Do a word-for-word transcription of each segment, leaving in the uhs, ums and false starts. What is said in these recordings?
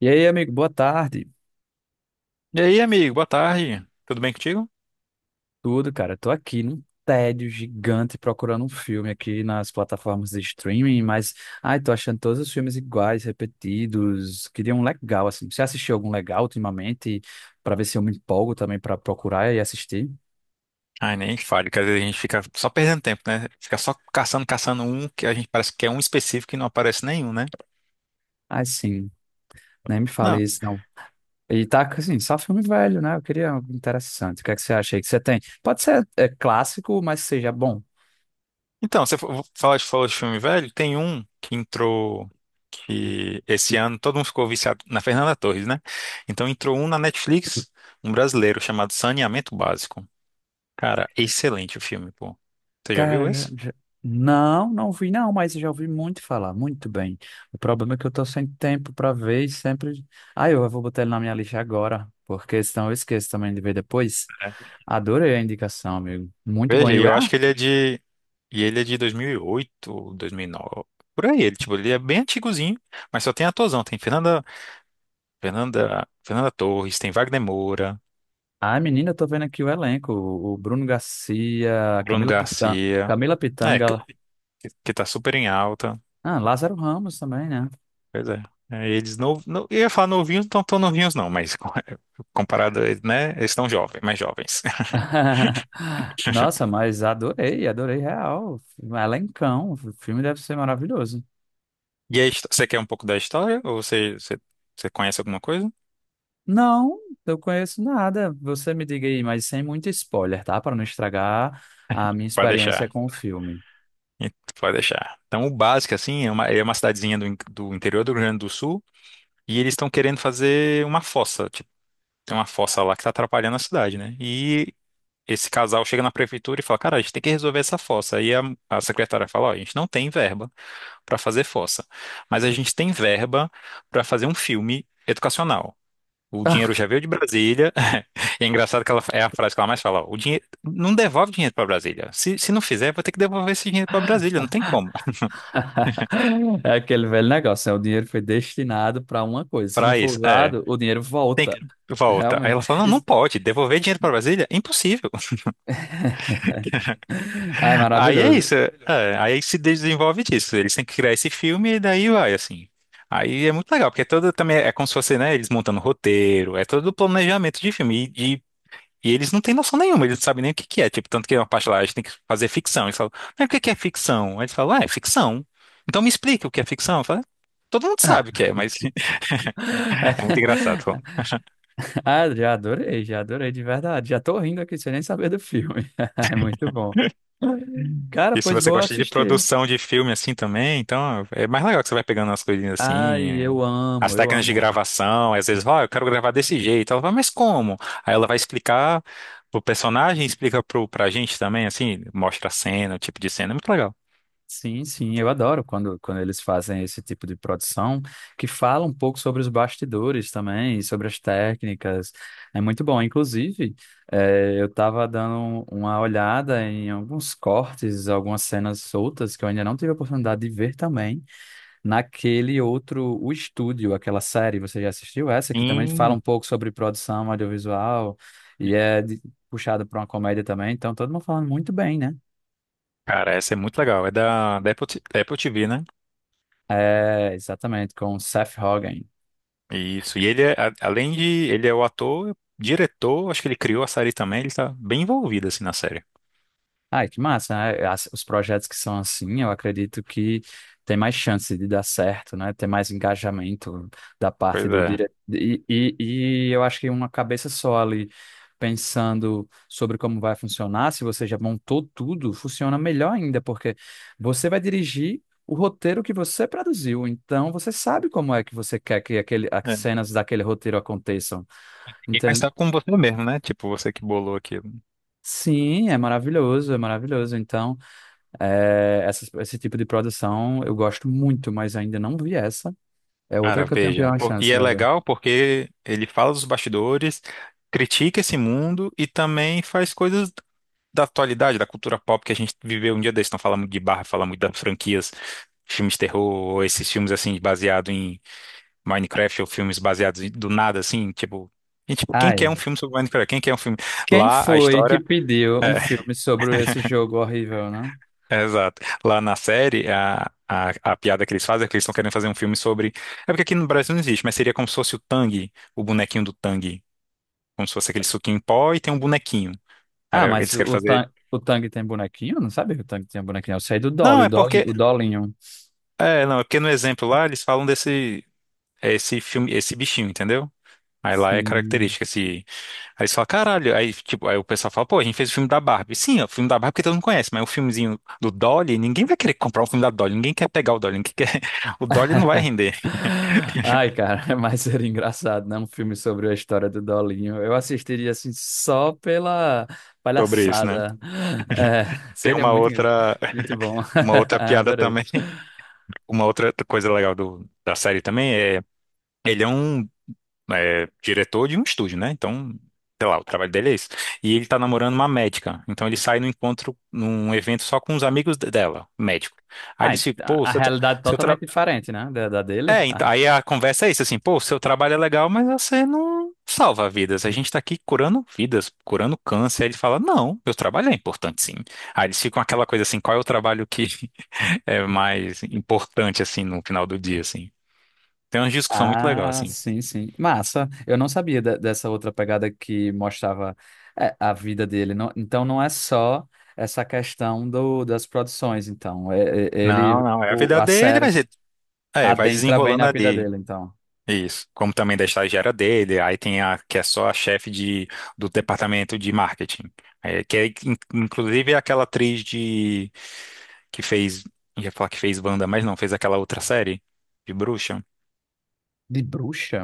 E aí, amigo, boa tarde. E aí, amigo, boa tarde. Tudo bem contigo? Tudo, cara? Tô aqui num tédio gigante procurando um filme aqui nas plataformas de streaming, mas, ai, tô achando todos os filmes iguais, repetidos. Queria um legal, assim. Você assistiu algum legal ultimamente? Pra ver se eu me empolgo também pra procurar e assistir? Ai, nem fale, que às vezes a gente fica só perdendo tempo, né? Fica só caçando, caçando um que a gente parece que é um específico e não aparece nenhum, né? Ai, sim, nem me fale Não. isso, não. E tá, assim, só filme velho, né? Eu queria algo interessante. O que é que você acha aí que você tem? Pode ser é, clássico, mas seja bom. Então, você fa- falou de, falou de filme velho, tem um que entrou que esse ano todo mundo ficou viciado na Fernanda Torres, né? Então entrou um na Netflix, um brasileiro chamado Saneamento Básico. Cara, excelente o filme, pô. Você já viu Cara, já- esse? já- não, não vi não, mas eu já ouvi muito falar, muito bem. O problema é que eu tô sem tempo pra ver e sempre... Ah, eu vou botar ele na minha lista agora, porque senão eu esqueço também de ver depois. Adorei a indicação, amigo. Muito bom. Veja, E e o... eu Ah, acho que ele é de. E ele é de dois dois mil mil e oito, dois mil e nove por aí. Ele, tipo, ele é bem antigozinho, mas só tem atorzão. Tem Fernanda, Fernanda, Fernanda Torres, tem Wagner Moura, ah, menina, eu tô vendo aqui o elenco. O o Bruno Garcia, a Bruno Camila Pitanga, Garcia, Camila é, que, Pitanga, que tá super em alta. ah, Lázaro Ramos também, né? Pois é. É, eles não, não, eu ia falar novinhos, não tão novinhos não, mas co- comparado a eles, né, eles estão jovens, mais jovens. Nossa, mas adorei, adorei real. Elencão, o filme deve ser maravilhoso. E aí, você quer um pouco da história? Ou você, você, você conhece alguma coisa? Não, eu conheço nada. Você me diga aí, mas sem muito spoiler, tá? Para não estragar a minha Pra experiência deixar. com o filme. E tu Pode deixar. Então, o básico, assim, é uma, é uma cidadezinha do, in- do interior do Rio Grande do Sul e eles estão querendo fazer uma fossa. Tipo, tem uma fossa lá que está atrapalhando a cidade, né? E esse casal chega na prefeitura e fala: cara, a gente tem que resolver essa fossa. Aí a, a secretária fala: ó, a gente não tem verba para fazer fossa, mas a gente tem verba para fazer um filme educacional. O dinheiro já veio de Brasília. E é engraçado que ela, é a frase que ela mais fala: ó, o dinheiro, não devolve dinheiro para Brasília. Se, se não fizer, vai ter que devolver esse dinheiro para Brasília. Não tem como. É aquele velho negócio, né? O dinheiro foi destinado para uma coisa. Se não Pra for isso, é. usado, o dinheiro Tem volta. que... volta. Aí Realmente. ela fala, não, não Isso- pode. Devolver dinheiro pra Brasília? Impossível. Ai, Aí é maravilhoso. isso. é, é, aí se desenvolve disso. Eles têm que criar esse filme e daí vai, assim. Aí é muito legal, porque é todo também é como se fosse, né, eles montando roteiro, é todo o planejamento de filme. E, e- e eles não têm noção nenhuma, eles não sabem nem o que que é. Tipo, tanto que é uma parte lá, a gente tem que fazer ficção. Eles falam, mas o que que é ficção? Aí eles falam, ah, é ficção. Então me explica o que é ficção. Eu falo, "é, todo mundo sabe o que Ah, é, mas é muito engraçado. Ah, já adorei, já adorei de verdade. Já tô rindo aqui sem nem saber do filme. É muito bom. Cara, E se pois você vou gosta de assistir. produção de filme assim também, então é mais legal que você vai pegando as coisinhas Ai, eu assim, as amo, eu técnicas de amo. gravação, às vezes, ó, eu quero gravar desse jeito. Ela fala, mas como? Aí ela vai explicar pro personagem, explica pro, pra gente também, assim, mostra a cena, o tipo de cena, é muito legal. Sim, sim, eu adoro quando, quando eles fazem esse tipo de produção, que fala um pouco sobre os bastidores também, sobre as técnicas. É muito bom. Inclusive, eh, eu estava dando uma olhada em alguns cortes, algumas cenas soltas que eu ainda não tive a oportunidade de ver também, naquele outro, O Estúdio, aquela série. Você já assistiu essa, que também fala um Sim, pouco sobre produção audiovisual e é de- puxada para uma comédia também. Então, todo mundo falando muito bem, né? cara, essa é muito legal. É da, da Apple, T- da Apple T V, né? É, exatamente, com o Seth Rogen. Isso. E ele é, a- além de, ele é o ator, diretor, acho que ele criou a série também, ele tá bem envolvido assim na série. Ai, que massa, né? As- os projetos que são assim, eu acredito que tem mais chance de dar certo, né? Tem mais engajamento da Pois parte do diretor. E, e, e eu acho que uma cabeça só ali, pensando sobre como vai funcionar, se você já montou tudo, funciona melhor ainda, porque você vai dirigir o roteiro que você produziu, então você sabe como é que você quer que aquele, as é. cenas daquele roteiro aconteçam. E- Mas tá com você mesmo, né? Tipo, você que bolou aquilo. Sim, é maravilhoso, é maravilhoso. Então, é, essas- esse tipo de produção eu gosto muito, mas ainda não vi essa. É outra Cara, que eu tenho que veja. dar uma Pô, chance e é pra ver. legal porque ele fala dos bastidores, critica esse mundo e também faz coisas da atualidade, da cultura pop que a gente viveu um dia desse. Não fala muito de barra, fala muito das franquias, filmes de terror, ou esses filmes assim, baseados em Minecraft, ou filmes baseados em- do nada, assim, tipo. E, tipo, quem quer Ai, um filme sobre Minecraft? Quem quer um filme? quem Lá, a foi que história. pediu um é, filme sobre esse jogo horrível, né? É, Exato. Lá na série, a, a, a piada que eles fazem é que eles estão querendo fazer um filme sobre. É porque aqui no Brasil não existe, mas seria como se fosse o Tang, o bonequinho do Tang. Como se fosse aquele suquinho em pó e tem um bonequinho. Ah, Cara, mas eles o, querem o, fazer. Tang, o Tang tem bonequinho? Eu Não sabe que o Tang tem bonequinho. Eu sei do Dolly, Não, o é Dolly, o porque. Dolinho. É, não, é porque no exemplo lá eles falam desse. é Esse filme, esse bichinho, entendeu? Aí lá é Sim. característica, esse. Aí você fala, caralho. Aí, tipo, aí o pessoal fala, pô, a gente fez o filme da Barbie. Sim, é o filme da Barbie que todo mundo conhece, mas o filmezinho do Dolly, ninguém vai querer comprar o filme da Dolly, ninguém quer pegar o Dolly, ninguém quer... o Dolly não vai render. Ai, cara, mas seria engraçado, né? Um filme sobre a história do Dolinho. Eu assistiria assim só pela Sobre isso, né? palhaçada. É, Tem seria uma muito, outra, muito bom. uma outra piada Adorei. também, uma outra coisa legal do, da série também é, ele é um é, diretor de um estúdio, né? Então, sei lá, o trabalho dele é isso. E ele tá namorando uma médica, então ele sai no encontro, num evento só com os amigos de- dela, médico. Aí Ah, ele ent- se, pô, a seu, tra- realidade seu, tra- totalmente diferente, né? Da, da dele. É, então, aí a conversa é isso, assim, pô, o seu trabalho é legal, mas você não salva vidas. A gente tá aqui curando vidas, curando câncer. Aí ele fala, não, meu trabalho é importante, sim. Aí eles ficam aquela coisa assim, qual é o trabalho que é mais importante, assim, no final do dia, assim. Tem uma discussão muito legal, Ah, assim. sim, sim. Massa. Eu não sabia de- dessa outra pegada que mostrava é, a vida dele. Não- então não é só essa questão do, das produções, então. É- é- Não, ele, não, é a o- vida a dele, série. mas ele, é, vai Adentra bem na desenrolando vida ali. dele, então. Isso, como também da estagiária dele, aí tem a que é só a chefe de, do departamento de marketing, é, que é, in- inclusive é aquela atriz de que fez, ia falar que fez Wanda, mas não, fez aquela outra série de bruxa. De bruxa?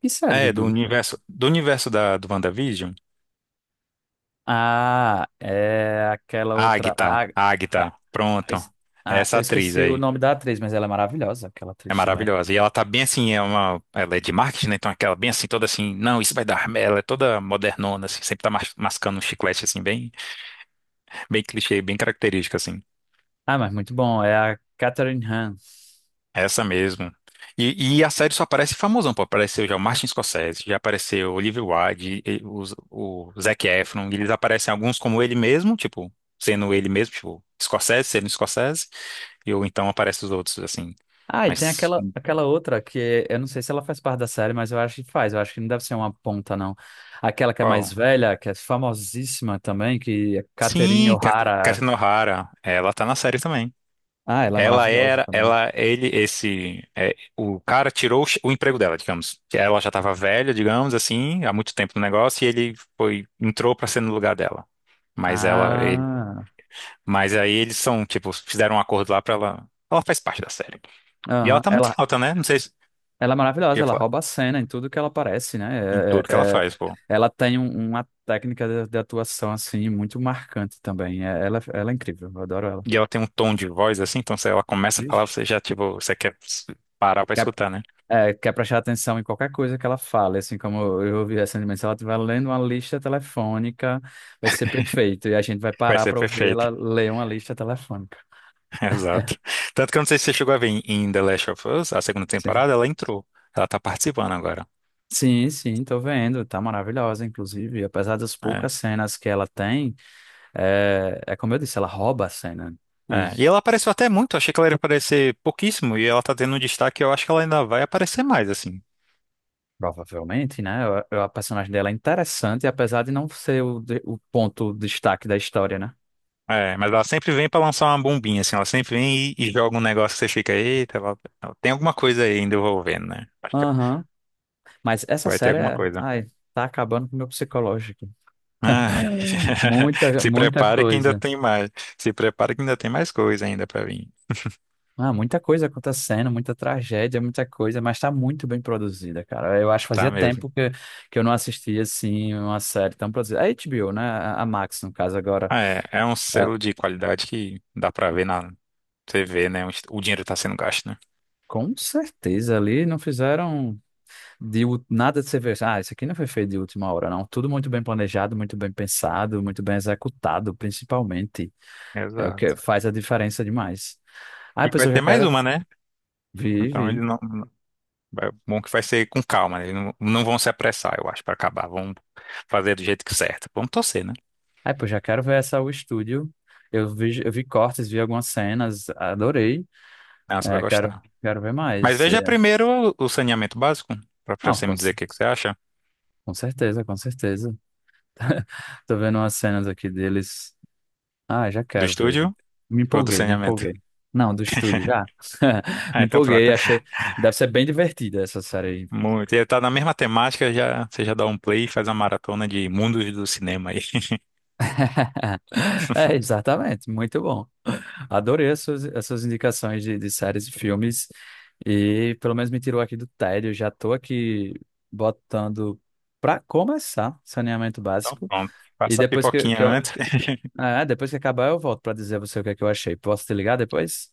Que série de É, do bruxa? universo, do universo da, do WandaVision, Ah, é aquela a outra. Ah, Agatha, a ah, Agatha, pronto, es- é ah, essa eu atriz esqueci o aí. nome da atriz, mas ela é maravilhosa, aquela É atriz também. maravilhosa. E ela tá bem assim, é uma, ela é de marketing, né? Então aquela bem assim, toda assim, não, isso vai dar. Ela é toda modernona, assim, sempre tá mas- mascando um chiclete assim, bem. Bem clichê, bem característica, assim. Ah, mas muito bom. É a Catherine Hahn. É essa mesmo. E, e a série só aparece famosão, pô. Apareceu já o Martin Scorsese, já apareceu o Olivia Wilde, e- o, o Zac Efron. Eles aparecem alguns como ele mesmo, tipo, sendo ele mesmo, tipo, Scorsese, sendo Scorsese. E ou então aparecem os outros, assim. Ah, e tem Mas aquela, aquela outra que eu não sei se ela faz parte da série, mas eu acho que faz. Eu acho que não deve ser uma ponta, não. Aquela que é mais qual? velha, que é famosíssima também, que é Catherine Sim, Cat- O'Hara. Catherine O'Hara. Ela tá na série também. Ah, ela é Ela maravilhosa era, também. ela, ele, esse, é, o cara tirou o, che- o emprego dela, digamos. Que ela já estava velha, digamos assim, há muito tempo no negócio e ele foi, entrou para ser no lugar dela. Mas ela, ele, Ah, mas aí eles são, tipo, fizeram um acordo lá para ela, ela faz parte da série. E ela aham. tá muito em Ela, alta, né? Não sei se Ela é maravilhosa, ia ela falar rouba a cena em tudo que ela aparece, né? em É- tudo que ela é- é- faz, pô. ela tem um- uma técnica de, de atuação, assim, muito marcante também. É- ela, é, ela é incrível, eu adoro ela. E ela tem um tom de voz assim, então se ela começa a falar, Vixe. você já, tipo, você quer parar para Quer, escutar, né? é, quer prestar atenção em qualquer coisa que ela fale, assim, como eu ouvi recentemente, se ela estiver lendo uma lista telefônica, vai ser perfeito. E a gente vai Vai parar ser para ouvir ela perfeito. ler uma lista telefônica. Exato. Tanto que eu não sei se você chegou a ver em em The Last of Us, a segunda Sim. temporada, ela entrou. Ela tá participando agora. Sim, sim, tô vendo. Tá maravilhosa, inclusive. Apesar das É. poucas cenas que ela tem, é, é como eu disse, ela rouba a cena. É. E ela apareceu até muito, achei que ela ia aparecer pouquíssimo, e ela tá tendo um destaque, eu acho que ela ainda vai aparecer mais, assim. Provavelmente, né? A, a personagem dela é interessante, apesar de não ser o, de- o ponto destaque da história, né? É, mas ela sempre vem pra lançar uma bombinha, assim, ela sempre vem e, e joga um negócio que você fica, eita, ela, ela tem alguma coisa aí ainda envolvendo, né? Acho que ela Aham. Mas essa vai ter série, alguma é- coisa. ai, tá acabando com o meu psicológico. Ah, Muita, se muita prepare que ainda coisa. tem mais. Se prepare que ainda tem mais coisa ainda pra vir. Ah, muita coisa acontecendo, muita tragédia, muita coisa, mas tá muito bem produzida, cara. Eu acho que Tá fazia mesmo. tempo que, que eu não assistia, assim, uma série tão produzida. A H B O, né? A a Max, no caso, agora. Ah, é, é um É, selo de qualidade que dá pra ver na T V, né? Onde o dinheiro tá sendo gasto, né? com certeza ali não fizeram. De ú- nada de você ver, ah, isso aqui não foi feito de última hora, não. Tudo muito bem planejado, muito bem pensado, muito bem executado, principalmente. É o que Exato. faz a diferença demais. Ai, E pois vai eu já ter mais quero uma, né? vi, Então ele vi. não. não- vai- Bom que vai ser com calma, né? Eles não, não vão se apressar, eu acho, pra acabar. Vão fazer do jeito que certo. Vamos torcer, né? Ah, pois já quero ver essa o estúdio. Eu vi, eu vi cortes, vi algumas cenas, adorei. Ah, você vai É, quero, gostar. quero ver Mas mais. veja É, primeiro o o saneamento básico, pra pra não, você com, me dizer c- o que que você acha. com certeza, com certeza. Tô vendo umas cenas aqui deles. Ah, já Do quero ver. estúdio Me ou do empolguei, me saneamento? empolguei. Não, do estúdio, já. Ah, Me então pronto. empolguei, achei. Deve ser bem divertida essa série aí. Muito. E tá na mesma temática, já, você já dá um play e faz uma maratona de mundos do cinema aí. É, exatamente, muito bom. Adorei as suas, as suas indicações de, de séries e filmes. E pelo menos me tirou aqui do tédio. Já tô aqui botando pra começar saneamento Então, básico. pronto. E Faça a depois que, pipoquinha que eu. antes. É, depois que acabar, eu volto pra dizer a você o que é que eu achei. Posso te ligar depois?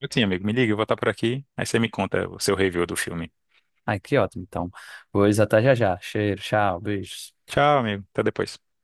Eu tinha, amigo. Me liga, eu vou estar por aqui. Aí você me conta o seu review do filme. Ai, que ótimo. Então, vou até já já. Cheiro, tchau, beijos. Tchau, amigo. Até depois.